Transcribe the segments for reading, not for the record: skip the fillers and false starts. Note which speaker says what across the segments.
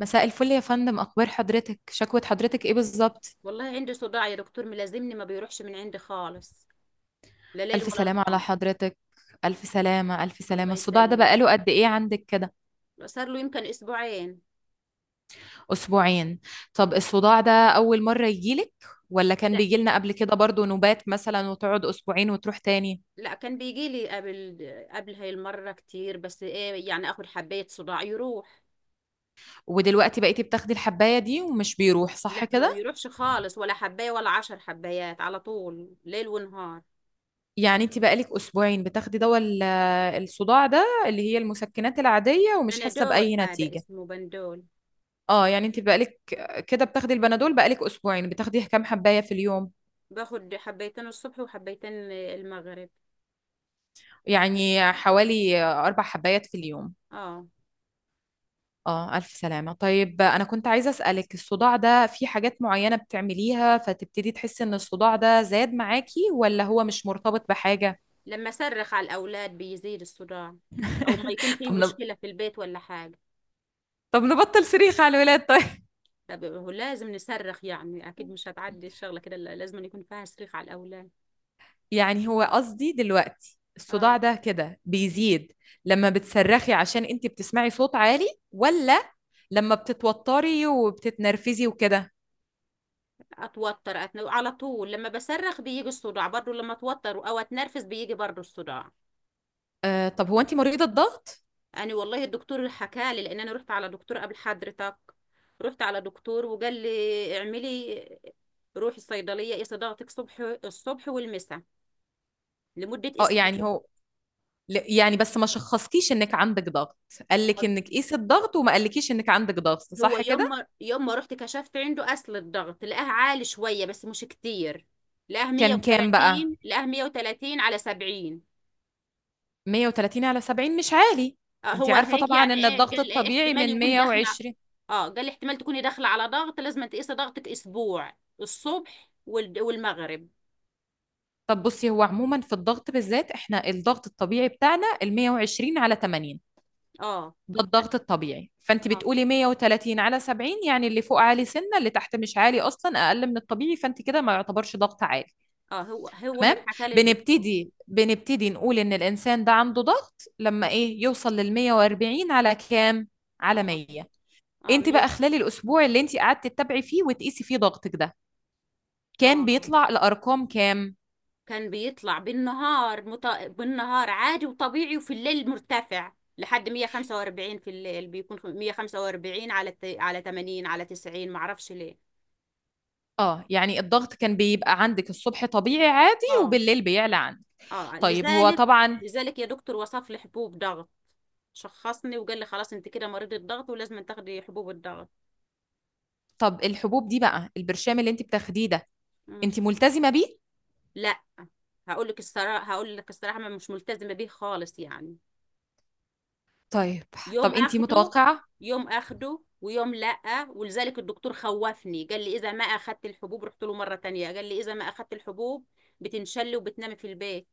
Speaker 1: مساء الفل يا فندم، أخبار حضرتك؟ شكوى حضرتك إيه بالظبط؟
Speaker 2: والله عندي صداع يا دكتور، ملازمني ما بيروحش من عندي خالص، لا ليل
Speaker 1: ألف
Speaker 2: ولا
Speaker 1: سلامة
Speaker 2: نهار.
Speaker 1: على حضرتك. ألف سلامة ألف
Speaker 2: الله
Speaker 1: سلامة. الصداع ده
Speaker 2: يسلم.
Speaker 1: بقاله قد إيه عندك كده؟
Speaker 2: صار له يمكن اسبوعين.
Speaker 1: أسبوعين؟ طب الصداع ده أول مرة يجيلك ولا كان
Speaker 2: لا،
Speaker 1: بيجيلنا قبل كده برضو نوبات مثلا وتقعد أسبوعين وتروح تاني؟
Speaker 2: لا، كان بيجي لي قبل هاي المرة كتير، بس ايه يعني، اخد حباية صداع يروح.
Speaker 1: ودلوقتي بقيتي بتاخدي الحباية دي ومش بيروح
Speaker 2: لا،
Speaker 1: صح
Speaker 2: ما
Speaker 1: كده؟
Speaker 2: بيروحش خالص، ولا حباية ولا 10 حبايات، على طول ليل ونهار.
Speaker 1: يعني أنت بقالك أسبوعين بتاخدي دواء الصداع ده اللي هي المسكنات العادية ومش حاسة
Speaker 2: بنادول،
Speaker 1: بأي
Speaker 2: هذا
Speaker 1: نتيجة.
Speaker 2: اسمه بندول.
Speaker 1: اه يعني انت بقالك كده بتاخدي البنادول، بقالك اسبوعين بتاخدي كام حباية في اليوم؟
Speaker 2: باخد حبيتين الصبح وحبيتين المغرب.
Speaker 1: يعني حوالي 4 حبايات في اليوم.
Speaker 2: اه.
Speaker 1: اه الف سلامة. طيب انا كنت عايزة اسألك، الصداع ده في حاجات معينة بتعمليها فتبتدي تحسي ان الصداع ده زاد معاكي، ولا هو مش مرتبط بحاجة؟
Speaker 2: لما صرخ على الاولاد بيزيد الصداع، او ما يكون في
Speaker 1: طب نب...
Speaker 2: مشكلة في البيت ولا حاجة.
Speaker 1: طب نبطل صريخ على الولاد طيب.
Speaker 2: طب هو لازم نصرخ يعني، اكيد مش هتعدي الشغله كده، لا، لازم يكون فيها صريخ على الاولاد.
Speaker 1: يعني هو قصدي دلوقتي الصداع
Speaker 2: اه.
Speaker 1: ده كده بيزيد لما بتصرخي عشان انت بتسمعي صوت عالي، ولا لما بتتوتري وبتتنرفزي وكده؟
Speaker 2: على طول لما بصرخ بيجي الصداع، برضو لما اتوتر او اتنرفز بيجي برضو الصداع.
Speaker 1: آه، طب هو انت مريضة ضغط؟
Speaker 2: انا والله الدكتور حكالي، لان انا رحت على دكتور قبل حضرتك، رحت على دكتور وقال لي اعملي، روحي الصيدليه. ايه صداعتك؟ الصبح والمساء، لمده
Speaker 1: اه يعني
Speaker 2: اسبوع.
Speaker 1: هو يعني بس ما شخصكيش انك عندك ضغط، قالك انك قيسي الضغط وما قالكيش انك عندك ضغط
Speaker 2: هو
Speaker 1: صح
Speaker 2: يوم
Speaker 1: كده؟
Speaker 2: ما يوم ما رحت كشفت عنده، اصل الضغط لقاه عالي شويه بس مش كتير، لقاه
Speaker 1: كان كام بقى؟
Speaker 2: 130، لقاه 130 على 70.
Speaker 1: 130 على 70 مش عالي.
Speaker 2: آه،
Speaker 1: انت
Speaker 2: هو
Speaker 1: عارفة
Speaker 2: هيك
Speaker 1: طبعا
Speaker 2: يعني،
Speaker 1: ان
Speaker 2: ايه
Speaker 1: الضغط
Speaker 2: قال؟ ايه،
Speaker 1: الطبيعي
Speaker 2: احتمال
Speaker 1: من
Speaker 2: يكون داخله.
Speaker 1: 120.
Speaker 2: اه، قال احتمال تكوني داخله على ضغط، لازم تقيسي ضغطك اسبوع الصبح والمغرب.
Speaker 1: طب بصي هو عموما في الضغط بالذات، احنا الضغط الطبيعي بتاعنا ال 120 على 80.
Speaker 2: اه،
Speaker 1: ده الضغط الطبيعي، فانت
Speaker 2: اه.
Speaker 1: بتقولي 130 على 70 يعني اللي فوق عالي سنه اللي تحت مش عالي اصلا، اقل من الطبيعي، فانت كده ما يعتبرش ضغط عالي.
Speaker 2: اه، هو
Speaker 1: تمام.
Speaker 2: هيك حكى لي الدكتور.
Speaker 1: بنبتدي نقول ان الانسان ده عنده ضغط لما ايه يوصل لل 140 على كام، على
Speaker 2: اه،
Speaker 1: 100.
Speaker 2: اه،
Speaker 1: انت
Speaker 2: 100.
Speaker 1: بقى خلال الاسبوع اللي انت قعدت تتابعي فيه وتقيسي فيه ضغطك ده، كان
Speaker 2: اه،
Speaker 1: بيطلع لارقام كام؟
Speaker 2: كان بيطلع بالنهار عادي وطبيعي، وفي الليل مرتفع لحد 145، في الليل بيكون 145 على 80، على 90، معرفش ليه.
Speaker 1: اه يعني الضغط كان بيبقى عندك الصبح طبيعي عادي
Speaker 2: اه،
Speaker 1: وبالليل بيعلى عندك.
Speaker 2: اه،
Speaker 1: طيب هو
Speaker 2: لذلك
Speaker 1: طبعا.
Speaker 2: لذلك يا دكتور وصف لي حبوب ضغط، شخصني وقال لي: خلاص انت كده مريضة ضغط، ولازم تاخدي حبوب الضغط.
Speaker 1: طب الحبوب دي بقى، البرشام اللي انت بتاخديه ده،
Speaker 2: مم.
Speaker 1: انت ملتزمة بيه؟
Speaker 2: لا. هقول لك الصراحة، ما مش ملتزمة بيه خالص يعني.
Speaker 1: طيب. طب
Speaker 2: يوم
Speaker 1: انت
Speaker 2: اخده
Speaker 1: متوقعة.
Speaker 2: يوم اخده ويوم لأ، ولذلك الدكتور خوفني، قال لي: اذا ما اخدت الحبوب، رحت له مرة تانية قال لي: اذا ما اخدت الحبوب بتنشلي وبتنامي في البيت.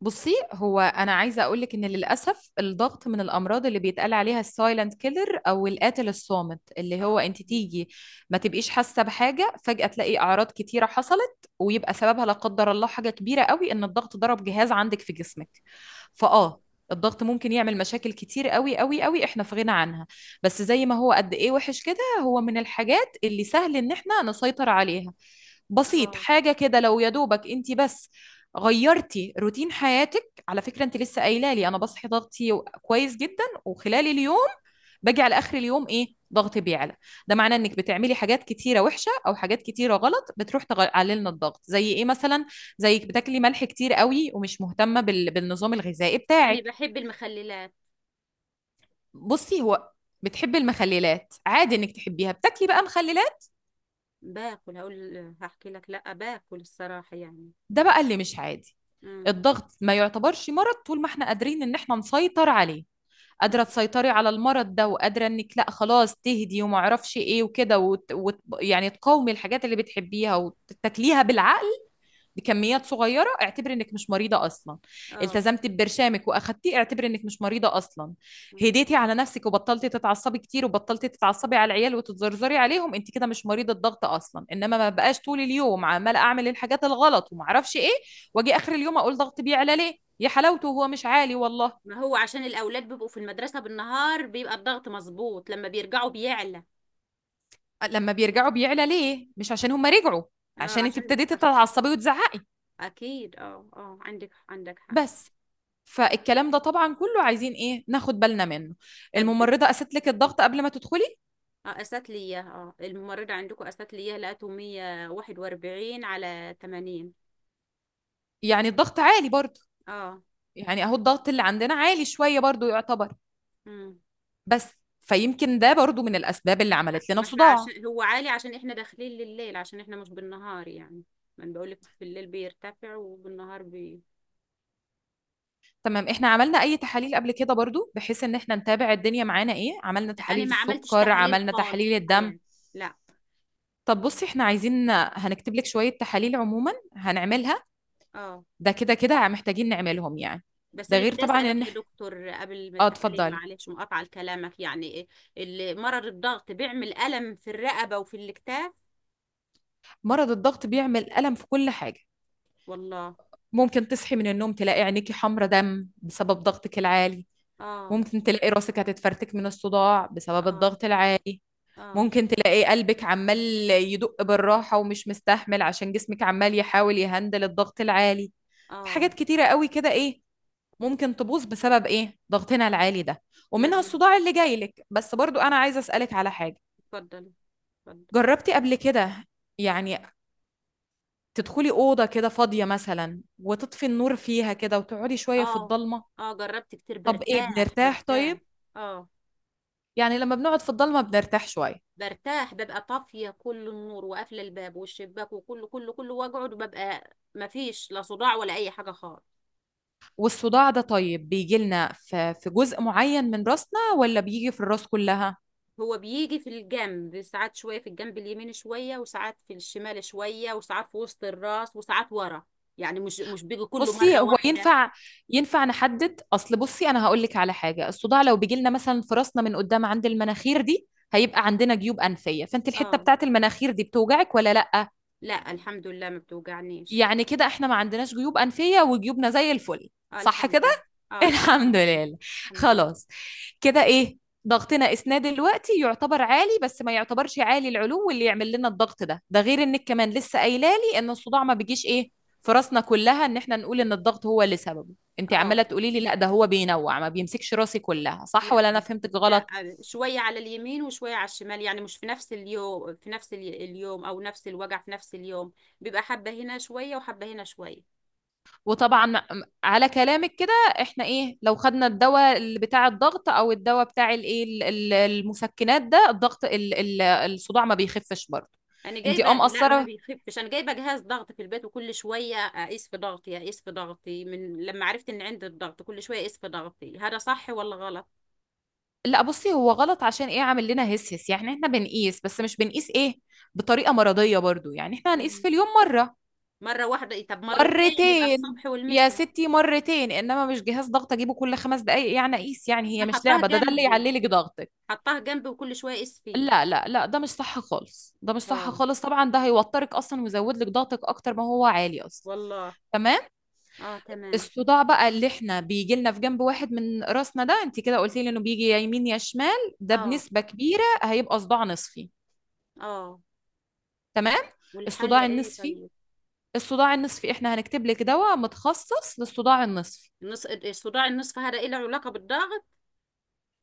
Speaker 1: بُصّي، هو أنا عايزة أقول لِك إن للأسف الضغط من الأمراض اللي بيتقال عليها الsilent killer أو القاتل الصامت، اللي هو
Speaker 2: اه،
Speaker 1: أنتِ تيجي ما تبقيش حاسة بحاجة، فجأة تلاقي أعراض كتيرة حصلت، ويبقى سببها لا قدر الله حاجة كبيرة أوي إن الضغط ضرب جهاز عندِك في جسمِك. فآه، الضغط ممكن يعمل مشاكل كتير أوي، أوي، أوي إحنا في غنى عنها. بس زي ما هو قد إيه وِحِش كده، هو من الحاجات اللي سهل إن إحنا نسيطر عليها. بسيط،
Speaker 2: اه.
Speaker 1: حاجة كده لو يا دوبك أنتِ بس غيرتي روتين حياتك. على فكرة انت لسه قايله لي انا بصحي ضغطي كويس جدا، وخلال اليوم باجي على اخر اليوم ايه ضغطي بيعلى. ده معناه انك بتعملي حاجات كتيره وحشه او حاجات كتيره غلط بتروح تقلل لنا الضغط، زي ايه مثلا؟
Speaker 2: مم.
Speaker 1: زيك بتاكلي ملح كتير قوي ومش مهتمه بالنظام الغذائي
Speaker 2: انا
Speaker 1: بتاعك.
Speaker 2: بحب المخللات.
Speaker 1: بصي هو بتحبي المخللات، عادي انك تحبيها، بتاكلي بقى مخللات،
Speaker 2: باكل هقول هحكي لك، لا، باكل الصراحة يعني.
Speaker 1: ده بقى اللي مش عادي.
Speaker 2: مم.
Speaker 1: الضغط ما يعتبرش مرض طول ما احنا قادرين ان احنا نسيطر عليه.
Speaker 2: مم.
Speaker 1: قادره تسيطري على المرض ده، وقادره انك لا خلاص تهدي وما اعرفش ايه وكده يعني تقاومي الحاجات اللي بتحبيها وتاكليها بالعقل، بكميات صغيره، اعتبري انك مش مريضه اصلا.
Speaker 2: اه.
Speaker 1: التزمتي ببرشامك واخدتيه اعتبري انك مش مريضه اصلا.
Speaker 2: مم.
Speaker 1: هديتي على نفسك وبطلتي تتعصبي كتير وبطلتي تتعصبي على العيال وتتزرزري عليهم، انت كده مش مريضه ضغط اصلا، انما ما بقاش طول اليوم عماله اعمل الحاجات الغلط وما اعرفش ايه واجي اخر اليوم اقول ضغط بيعلى ليه يا حلاوته، هو مش عالي والله.
Speaker 2: ما هو عشان الاولاد بيبقوا في المدرسة بالنهار بيبقى الضغط مظبوط، لما بيرجعوا بيعلى.
Speaker 1: لما بيرجعوا بيعلى ليه؟ مش عشان هم رجعوا،
Speaker 2: اه،
Speaker 1: عشان انت ابتديتي تتعصبي وتزعقي
Speaker 2: اكيد، اه، اه، عندك حق.
Speaker 1: بس. فالكلام ده طبعا كله عايزين ايه ناخد بالنا منه.
Speaker 2: طب.
Speaker 1: الممرضه قست لك الضغط قبل ما تدخلي.
Speaker 2: اه، قست لي اياها اه الممرضة عندكم قست لي اياها، لقيته 141 على 80.
Speaker 1: يعني الضغط عالي برضو.
Speaker 2: اه.
Speaker 1: يعني اهو الضغط اللي عندنا عالي شويه برضو يعتبر،
Speaker 2: امم
Speaker 1: بس فيمكن ده برضو من الاسباب اللي عملت لنا
Speaker 2: ما احنا
Speaker 1: صداع.
Speaker 2: عشان هو عالي، عشان احنا داخلين لليل، عشان احنا مش بالنهار يعني. ما انا بقولك في الليل بيرتفع وبالنهار بي
Speaker 1: تمام. احنا عملنا اي تحاليل قبل كده برضو بحيث ان احنا نتابع الدنيا معانا ايه، عملنا
Speaker 2: لا، انا
Speaker 1: تحاليل
Speaker 2: ما عملتش
Speaker 1: السكر،
Speaker 2: تحاليل
Speaker 1: عملنا
Speaker 2: خالص
Speaker 1: تحاليل
Speaker 2: في
Speaker 1: الدم؟
Speaker 2: حياتي. لا.
Speaker 1: طب بصي احنا عايزين، هنكتب لك شويه تحاليل عموما هنعملها،
Speaker 2: اه.
Speaker 1: ده كده كده محتاجين نعملهم يعني.
Speaker 2: بس
Speaker 1: ده
Speaker 2: انا
Speaker 1: غير
Speaker 2: بدي
Speaker 1: طبعا
Speaker 2: اسالك
Speaker 1: ان
Speaker 2: يا دكتور قبل ما
Speaker 1: اه
Speaker 2: التحاليل،
Speaker 1: اتفضلي.
Speaker 2: معلش مقاطعه لكلامك، يعني إيه اللي مرض الضغط بيعمل، الم في الرقبه وفي الاكتاف؟
Speaker 1: مرض الضغط بيعمل ألم في كل حاجة.
Speaker 2: والله.
Speaker 1: ممكن تصحي من النوم تلاقي عينيكي حمرة دم بسبب ضغطك العالي.
Speaker 2: اه،
Speaker 1: ممكن تلاقي راسك هتتفرتك من الصداع بسبب
Speaker 2: اه،
Speaker 1: الضغط العالي.
Speaker 2: اه،
Speaker 1: ممكن تلاقي قلبك عمال يدق بالراحة ومش مستحمل عشان جسمك عمال يحاول يهندل الضغط العالي. في
Speaker 2: اه.
Speaker 1: حاجات كتيرة قوي كده ايه ممكن تبوظ بسبب ايه ضغطنا العالي ده، ومنها
Speaker 2: لازم.
Speaker 1: الصداع اللي جاي لك. بس برضو انا عايزة اسألك على حاجة،
Speaker 2: اتفضل. اتفضل.
Speaker 1: جربتي قبل كده يعني تدخلي أوضة كده فاضية مثلا وتطفي النور فيها كده وتقعدي شوية في
Speaker 2: اه،
Speaker 1: الضلمة؟
Speaker 2: اه، جربت كتير،
Speaker 1: طب إيه
Speaker 2: برتاح
Speaker 1: بنرتاح
Speaker 2: برتاح.
Speaker 1: طيب؟
Speaker 2: اه،
Speaker 1: يعني لما بنقعد في الضلمة بنرتاح شوية.
Speaker 2: برتاح، ببقى طافية كل النور وقافلة الباب والشباك، وكله كله كله، واقعد وببقى مفيش لا صداع ولا أي حاجة خالص.
Speaker 1: والصداع ده طيب بيجي لنا في جزء معين من راسنا ولا بيجي في الراس كلها؟
Speaker 2: هو بيجي في الجنب ساعات، شوية في الجنب اليمين شوية، وساعات في الشمال شوية، وساعات في وسط الراس، وساعات ورا، يعني مش بيجي كله
Speaker 1: بصي
Speaker 2: مرة
Speaker 1: هو
Speaker 2: واحدة.
Speaker 1: ينفع، ينفع نحدد، اصل بصي انا هقول لك على حاجه، الصداع لو بيجي لنا مثلا في راسنا من قدام عند المناخير دي، هيبقى عندنا جيوب انفيه، فانت الحته
Speaker 2: اه.
Speaker 1: بتاعت المناخير دي بتوجعك ولا لا؟
Speaker 2: لا، الحمد لله، ما بتوجعنيش.
Speaker 1: يعني كده احنا ما عندناش جيوب أنفية وجيوبنا زي الفل
Speaker 2: اه،
Speaker 1: صح
Speaker 2: الحمد
Speaker 1: كده؟
Speaker 2: لله. اه، الحمد
Speaker 1: الحمد
Speaker 2: لله،
Speaker 1: لله.
Speaker 2: الحمد لله.
Speaker 1: خلاص. كده ايه ضغطنا اسنان دلوقتي يعتبر عالي بس ما يعتبرش عالي العلو اللي يعمل لنا الضغط ده، ده غير انك كمان لسه قايله لي ان الصداع ما بيجيش ايه في راسنا كلها، ان احنا نقول ان الضغط هو اللي سببه، انت
Speaker 2: اه.
Speaker 1: عماله تقولي لي لا ده هو بينوع، ما بيمسكش راسي كلها صح،
Speaker 2: لا،
Speaker 1: ولا انا فهمتك
Speaker 2: لا،
Speaker 1: غلط؟
Speaker 2: شوية على اليمين وشوية على الشمال، يعني مش في نفس اليوم، في نفس اليوم أو نفس الوجع في نفس اليوم، بيبقى حبة هنا شوية وحبة هنا شوية.
Speaker 1: وطبعا على كلامك كده احنا ايه لو خدنا الدواء اللي بتاع الضغط او الدواء بتاع الايه المسكنات ده الضغط الصداع ما بيخفش برضه.
Speaker 2: أنا
Speaker 1: انت
Speaker 2: جايبة.
Speaker 1: اه
Speaker 2: لا، ما
Speaker 1: مقصره.
Speaker 2: بيخفش. أنا جايبة جهاز ضغط في البيت، وكل شوية أقيس في ضغطي من لما عرفت إن عندي الضغط، كل شوية أقيس في ضغطي، هذا صح ولا غلط؟
Speaker 1: لا بصي هو غلط عشان ايه، عامل لنا هس هس يعني احنا بنقيس بس مش بنقيس ايه بطريقه مرضيه برضه، يعني احنا هنقيس
Speaker 2: مم.
Speaker 1: في اليوم مره،
Speaker 2: مرة واحدة إيه، طب مرتين، يبقى
Speaker 1: مرتين.
Speaker 2: الصبح
Speaker 1: يا
Speaker 2: والمساء.
Speaker 1: ستي مرتين، انما مش جهاز ضغط اجيبه كل 5 دقايق يعني اقيس، يعني هي
Speaker 2: أنا
Speaker 1: مش
Speaker 2: حطاه
Speaker 1: لعبه، ده ده اللي
Speaker 2: جنبي،
Speaker 1: يعلي لك ضغط.
Speaker 2: حطاه جنبي وكل شوية أقيس فيه.
Speaker 1: لا لا لا ده مش صح خالص، ده مش صح
Speaker 2: اه.
Speaker 1: خالص طبعا، ده هيوترك اصلا ويزود لك ضغطك اكتر ما هو عالي اصلا.
Speaker 2: والله.
Speaker 1: تمام.
Speaker 2: اه، تمام.
Speaker 1: الصداع بقى اللي احنا بيجي لنا في جنب واحد من راسنا ده، انت كده قلتي لي انه بيجي يا يمين يا شمال، ده
Speaker 2: اه،
Speaker 1: بنسبة كبيرة هيبقى صداع نصفي.
Speaker 2: اه.
Speaker 1: تمام.
Speaker 2: والحل
Speaker 1: الصداع
Speaker 2: ايه
Speaker 1: النصفي،
Speaker 2: طيب؟
Speaker 1: الصداع النصفي احنا هنكتب لك دواء متخصص للصداع النصفي.
Speaker 2: صداع النصف هذا ايه، له علاقة بالضغط؟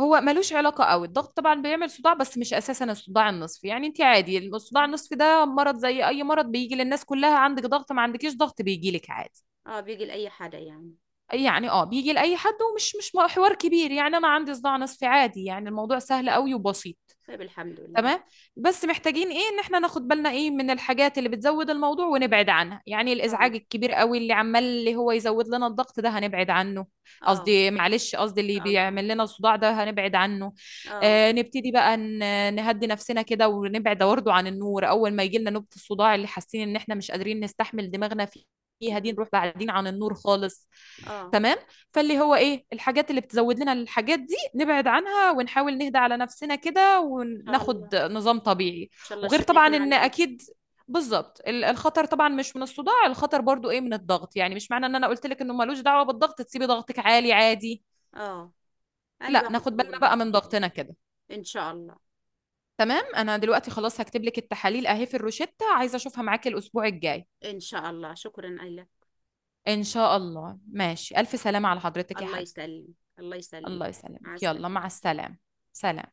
Speaker 1: هو ملوش علاقة قوي الضغط، طبعا بيعمل صداع بس مش أساسا الصداع النصفي، يعني انت عادي الصداع النصفي ده مرض زي أي مرض بيجي للناس كلها، عندك ضغط ما عندكيش ضغط بيجي لك عادي.
Speaker 2: اه، بيجي لأي حدا يعني.
Speaker 1: يعني اه بيجي لأي حد ومش مش حوار كبير، يعني أنا عندي صداع نصفي عادي، يعني الموضوع سهل قوي وبسيط.
Speaker 2: طيب، الحمد لله.
Speaker 1: تمام. بس محتاجين ايه ان احنا ناخد بالنا ايه من الحاجات اللي بتزود الموضوع ونبعد عنها، يعني
Speaker 2: اه،
Speaker 1: الازعاج الكبير قوي اللي عمال اللي هو يزود لنا الضغط ده هنبعد عنه.
Speaker 2: اه، ان
Speaker 1: قصدي معلش، قصدي اللي
Speaker 2: شاء الله.
Speaker 1: بيعمل لنا الصداع ده هنبعد عنه.
Speaker 2: اه.
Speaker 1: آه نبتدي بقى نهدي نفسنا كده ونبعد برضه عن النور اول ما يجي لنا نوبة الصداع اللي حاسين ان احنا مش قادرين نستحمل دماغنا فيها دي،
Speaker 2: مم.
Speaker 1: نروح بعدين عن النور خالص.
Speaker 2: اه، ان
Speaker 1: تمام. فاللي هو ايه الحاجات اللي بتزود لنا الحاجات نبعد عنها ونحاول نهدى على نفسنا كده
Speaker 2: شاء الله، ان
Speaker 1: وناخد نظام طبيعي.
Speaker 2: شاء الله
Speaker 1: وغير
Speaker 2: الشفاء
Speaker 1: طبعا
Speaker 2: يكون
Speaker 1: ان
Speaker 2: على ايه.
Speaker 1: اكيد بالظبط الخطر طبعا مش من الصداع، الخطر برضو ايه من الضغط، يعني مش معنى ان انا قلت لك انه ملوش دعوة بالضغط تسيبي ضغطك عالي عادي.
Speaker 2: اه، انا
Speaker 1: لا
Speaker 2: باخد
Speaker 1: ناخد
Speaker 2: حبوب
Speaker 1: بالنا
Speaker 2: الضغط
Speaker 1: بقى
Speaker 2: ان
Speaker 1: من
Speaker 2: شاء الله.
Speaker 1: ضغطنا كده.
Speaker 2: ان شاء الله.
Speaker 1: تمام. انا دلوقتي خلاص هكتب لك التحاليل اهي في الروشتة، عايزة اشوفها معاكي الاسبوع الجاي.
Speaker 2: ان شاء الله، شكرا لك.
Speaker 1: ان شاء الله، ماشي، الف سلامة على حضرتك يا
Speaker 2: الله
Speaker 1: حاج.
Speaker 2: يسلم، الله يسلم.
Speaker 1: الله
Speaker 2: مع
Speaker 1: يسلمك، يلا مع
Speaker 2: السلامة.
Speaker 1: السلامة. سلام.